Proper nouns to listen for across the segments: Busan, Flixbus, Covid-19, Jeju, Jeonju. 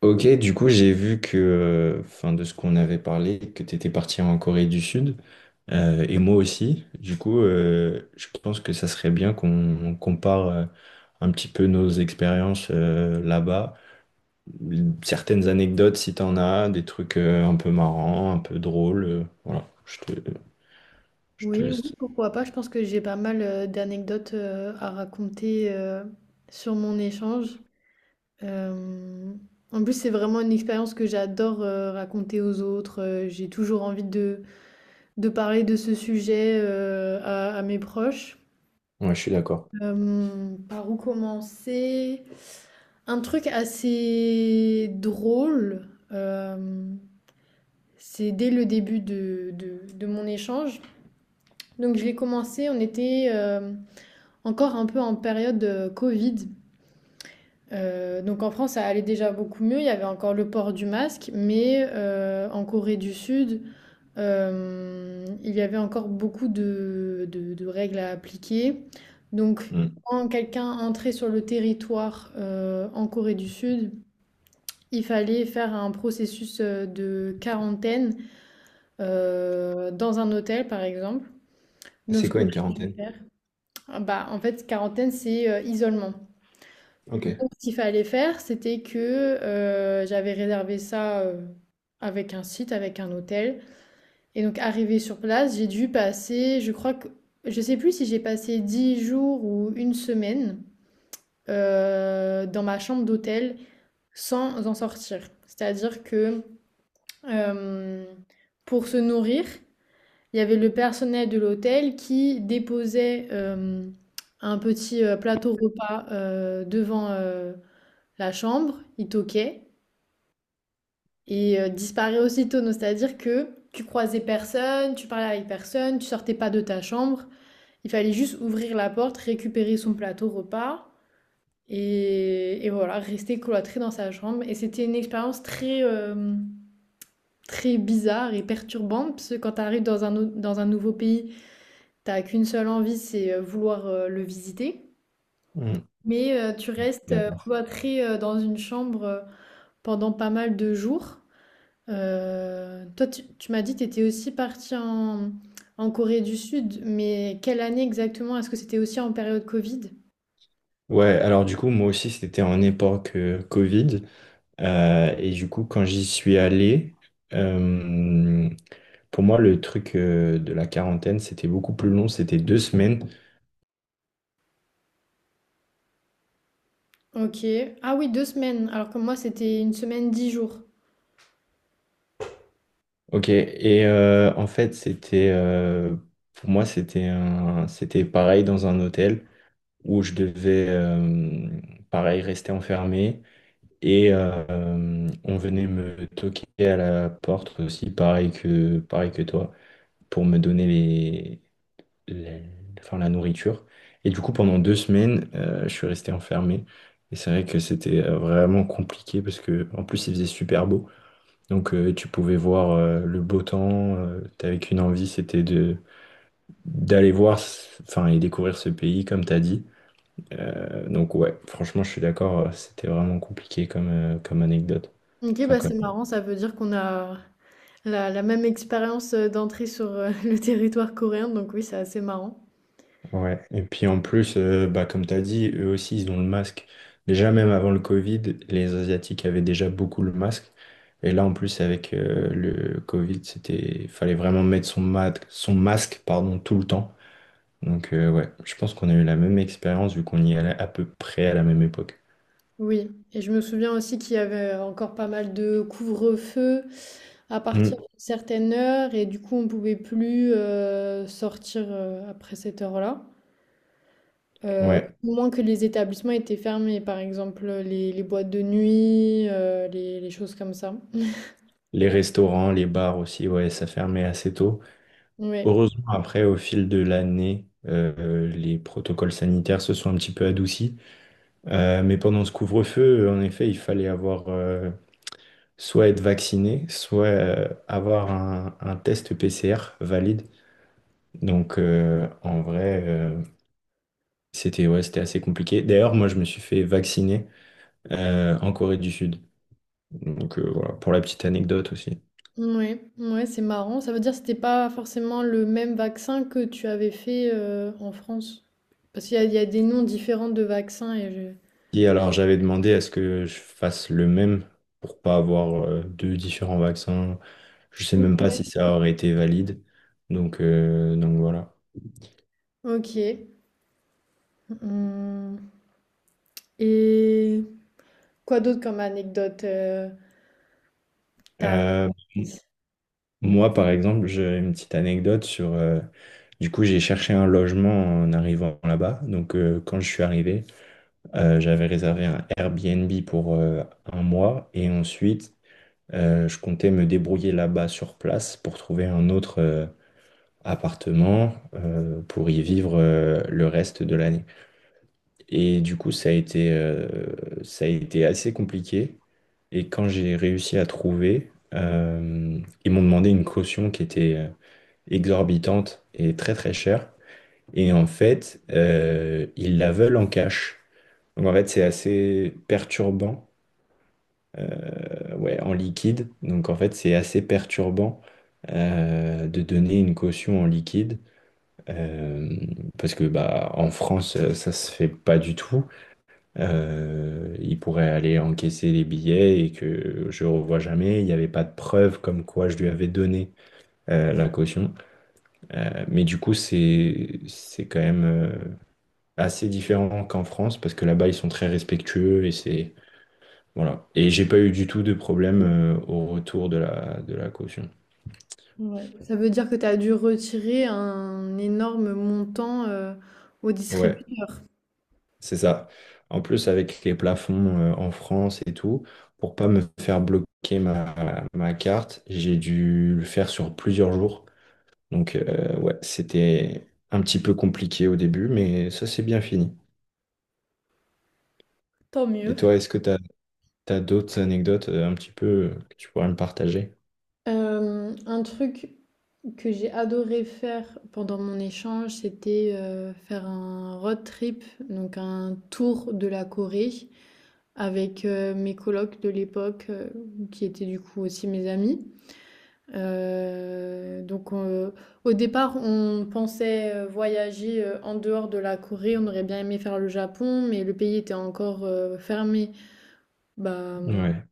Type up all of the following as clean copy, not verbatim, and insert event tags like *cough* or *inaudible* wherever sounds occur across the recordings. Ok, du coup, j'ai vu que, enfin, de ce qu'on avait parlé, que tu étais parti en Corée du Sud, et moi aussi. Du coup, je pense que ça serait bien qu'on compare un petit peu nos expériences là-bas. Certaines anecdotes, si tu en as, des trucs un peu marrants, un peu drôles. Voilà, je te Oui, oui, laisse. pourquoi pas. Je pense que j'ai pas mal d'anecdotes à raconter sur mon échange. Euh, En plus, c'est vraiment une expérience que j'adore raconter aux autres. J'ai toujours envie de parler de ce sujet à mes proches. Ouais, je suis d'accord. Par où commencer? Un truc assez drôle, c'est dès le début de mon échange. Donc je l'ai commencé, on était... encore un peu en période Covid. Donc en France, ça allait déjà beaucoup mieux. Il y avait encore le port du masque, mais en Corée du Sud, il y avait encore beaucoup de règles à appliquer. Donc Mm. quand quelqu'un entrait sur le territoire en Corée du Sud, il fallait faire un processus de quarantaine dans un hôtel, par exemple. Donc C'est ce quoi qu'on une peut quarantaine? faire, ah bah, en fait, quarantaine, c'est isolement. Ok. Donc, ce qu'il fallait faire, c'était que j'avais réservé ça avec un site, avec un hôtel. Et donc, arrivé sur place, j'ai dû passer, je crois que, je sais plus si j'ai passé 10 jours ou une semaine dans ma chambre d'hôtel sans en sortir. C'est-à-dire que euh, pour se nourrir, il y avait le personnel de l'hôtel qui déposait un petit plateau repas devant la chambre, il toquait, et disparaît aussitôt. Donc, c'est-à-dire que tu croisais personne, tu parlais avec personne, tu sortais pas de ta chambre. Il fallait juste ouvrir la porte, récupérer son plateau repas et voilà, rester cloîtré dans sa chambre. Et c'était une expérience très, très bizarre et perturbante parce que quand tu arrives dans un nouveau pays, t'as qu'une seule envie, c'est vouloir le visiter. Mm. Mais tu restes D'accord. cloîtré dans une chambre pendant pas mal de jours. Toi, tu m'as dit que tu étais aussi parti en, en Corée du Sud, mais quelle année exactement? Est-ce que c'était aussi en période Covid? Ouais, alors du coup, moi aussi, c'était en époque Covid. Et du coup, quand j'y suis allé, euh, pour moi, le truc de la quarantaine, c'était beaucoup plus long, c'était deux semaines. Ok. Ah oui, deux semaines, alors que moi, c'était une semaine, 10 jours. Ok, et en fait, c'était pour moi, c'était pareil dans un hôtel où je devais, pareil, rester enfermé. Et on venait me toquer à la porte aussi, pareil que toi, pour me donner les- enfin, la nourriture. Et du coup, pendant deux semaines, je suis resté enfermé. Et c'est vrai que c'était vraiment compliqué parce que en plus, il faisait super beau. Donc, tu pouvais voir le beau temps. T'avais qu'une envie, c'était de d'aller voir, enfin, et découvrir ce pays, comme t'as dit. Donc, ouais, franchement, je suis d'accord. C'était vraiment compliqué comme, comme anecdote. Ok, Enfin, bah comme c'est marrant, ça veut dire qu'on a la, la même expérience d'entrée sur *laughs* le territoire coréen, donc oui, c'est assez marrant. ouais, et puis en plus, bah, comme tu as dit, eux aussi, ils ont le masque. Déjà, même avant le Covid, les Asiatiques avaient déjà beaucoup le masque. Et là, en plus, avec le Covid, c'était, fallait vraiment mettre son masque, pardon, tout le temps. Donc, ouais, je pense qu'on a eu la même expérience vu qu'on y allait à peu près à la même époque. Oui, et je me souviens aussi qu'il y avait encore pas mal de couvre-feu à partir Mm. d'une certaine heure, et du coup, on pouvait plus sortir après cette heure-là. Ouais, Au moins que les établissements étaient fermés, par exemple les boîtes de nuit, les choses comme ça. les restaurants, les bars aussi, ouais, ça fermait assez tôt. Ouais, Heureusement, après, au fil de l'année, les protocoles sanitaires se sont un petit peu adoucis. Mais pendant ce couvre-feu, en effet, il fallait avoir soit être vacciné, soit avoir un test PCR valide. Donc en vrai, c'était ouais, c'était assez compliqué. D'ailleurs, moi, je me suis fait vacciner en Corée du Sud. Donc voilà, pour la petite anecdote aussi. ouais, ouais, c'est marrant. Ça veut dire que c'était pas forcément le même vaccin que tu avais fait en France. Parce qu'il y a, il y a des noms différents de vaccins et je... Et alors, j'avais demandé à ce que je fasse le même pour pas avoir deux différents vaccins. Je sais même Ok. pas si ça aurait été valide. Donc voilà. Ok. Hum. Et quoi d'autre comme anecdote Euh, apprise? moi, par exemple, j'ai une petite anecdote sur. Du coup, j'ai cherché un logement en arrivant là-bas. Donc, quand je suis arrivé, j'avais réservé un Airbnb pour un mois. Et ensuite, je comptais me débrouiller là-bas sur place pour trouver un autre appartement pour y vivre le reste de l'année. Et du coup, ça a été assez compliqué. Et quand j'ai réussi à trouver, ils m'ont demandé une caution qui était. Exorbitante et très très chère. Et en fait, ils la veulent en cash. Donc en fait, ouais, en liquide. Donc en fait, c'est assez perturbant de donner une caution en liquide. euh, Parce que bah, en France, ça se fait pas du tout. Ils pourraient aller encaisser les billets et que je revois jamais. Il n'y avait pas de preuve comme quoi je lui avais donné la caution. Mais du coup, c'est quand même assez différent qu'en France parce que là-bas ils sont très respectueux et c'est voilà. Et j'ai pas eu du tout de problème au retour de la caution. Ouais. Ça veut dire que tu as dû retirer un énorme montant au Ouais, distributeur. c'est ça. En plus avec les plafonds en France et tout, pour pas me faire bloquer ma carte, j'ai dû le faire sur plusieurs jours. Donc ouais, c'était un petit peu compliqué au début, mais ça c'est bien fini. Tant Et mieux. toi, est-ce que tu as, d'autres anecdotes un petit peu que tu pourrais me partager? Un truc que j'ai adoré faire pendant mon échange, c'était faire un road trip, donc un tour de la Corée avec mes colocs de l'époque, qui étaient du coup aussi mes amis. Euh, donc euh, au départ, on pensait voyager en dehors de la Corée, on aurait bien aimé faire le Japon, mais le pays était encore fermé. Bah, Ouais.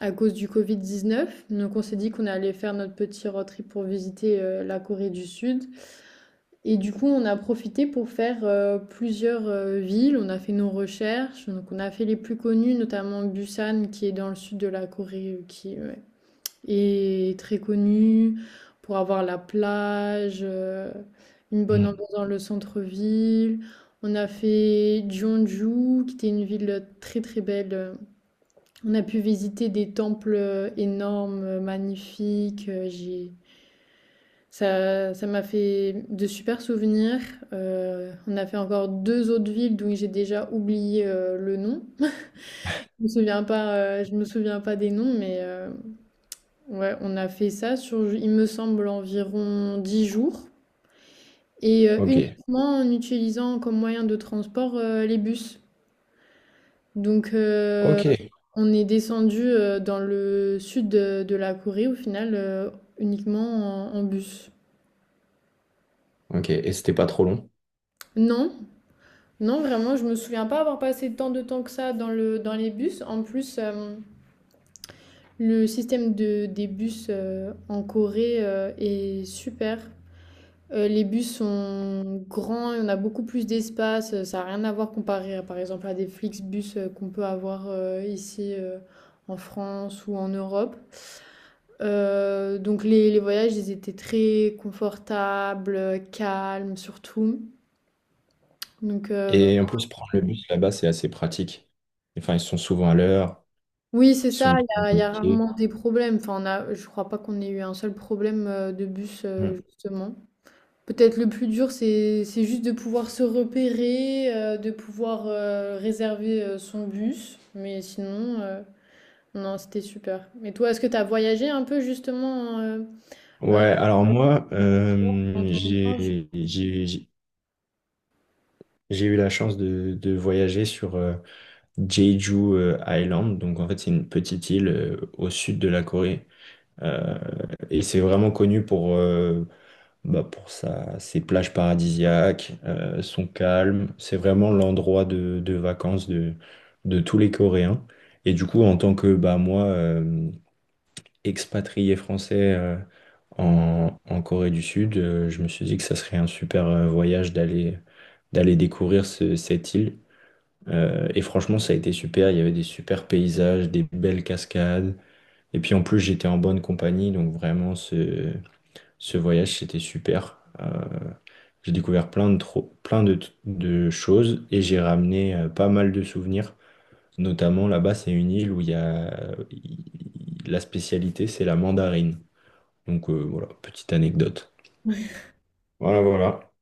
à cause du Covid-19. Donc on s'est dit qu'on allait faire notre petit road trip pour visiter la Corée du Sud. Et du coup, on a profité pour faire plusieurs villes. On a fait nos recherches. Donc on a fait les plus connues, notamment Busan, qui est dans le sud de la Corée, qui ouais, est très connue pour avoir la plage, une bonne Mm. ambiance dans le centre-ville. On a fait Jeonju, qui était une ville très très belle on a pu visiter des temples énormes, magnifiques. J'ai... Ça m'a fait de super souvenirs. On a fait encore deux autres villes dont j'ai déjà oublié le nom. Je me souviens pas, je me souviens pas des noms, mais ouais, on a fait ça sur, il me semble, environ 10 jours. Et Ok. uniquement en utilisant comme moyen de transport les bus. Donc, Ok. on est descendu dans le sud de la Corée au final uniquement en, en bus. Ok, et c'était pas trop long. Non, non, vraiment, je me souviens pas avoir passé tant de temps que ça dans le, dans les bus. En plus, le système de, des bus en Corée est super. Les bus sont grands, on a beaucoup plus d'espace. Ça n'a rien à voir comparé à, par exemple à des Flixbus qu'on peut avoir ici en France ou en Europe. Donc les voyages, ils étaient très confortables, calmes surtout. Donc vraiment- Et en plus, prendre le bus là-bas, c'est assez pratique. Enfin, ils sont souvent à l'heure, oui, c'est ils sont ça, bien il y a indiqués. rarement des problèmes. Enfin, on a, je crois pas qu'on ait eu un seul problème de bus, Mm. justement. Peut-être le plus dur, c'est juste de pouvoir se repérer, de pouvoir réserver son bus. Mais sinon, non, c'était super. Et toi, est-ce que tu as voyagé un peu justement euh, Ouais, alors moi, quand on échange? J'ai eu la chance de voyager sur Jeju Island. Donc en fait, c'est une petite île au sud de la Corée. Euh, et c'est vraiment connu pour, bah, pour ses plages paradisiaques, son calme. C'est vraiment l'endroit de vacances de tous les Coréens. Et du coup, en tant que bah, moi, expatrié français en Corée du Sud, je me suis dit que ça serait un super voyage d'aller découvrir cette île. Et franchement, ça a été super. Il y avait des super paysages, des belles cascades. Et puis en plus, j'étais en bonne compagnie, donc vraiment, ce voyage, c'était super. J'ai découvert plein de choses et j'ai ramené pas mal de souvenirs. Notamment là-bas, c'est une île où il y a il- la spécialité, c'est la mandarine. Donc voilà, petite anecdote. Voilà, voilà.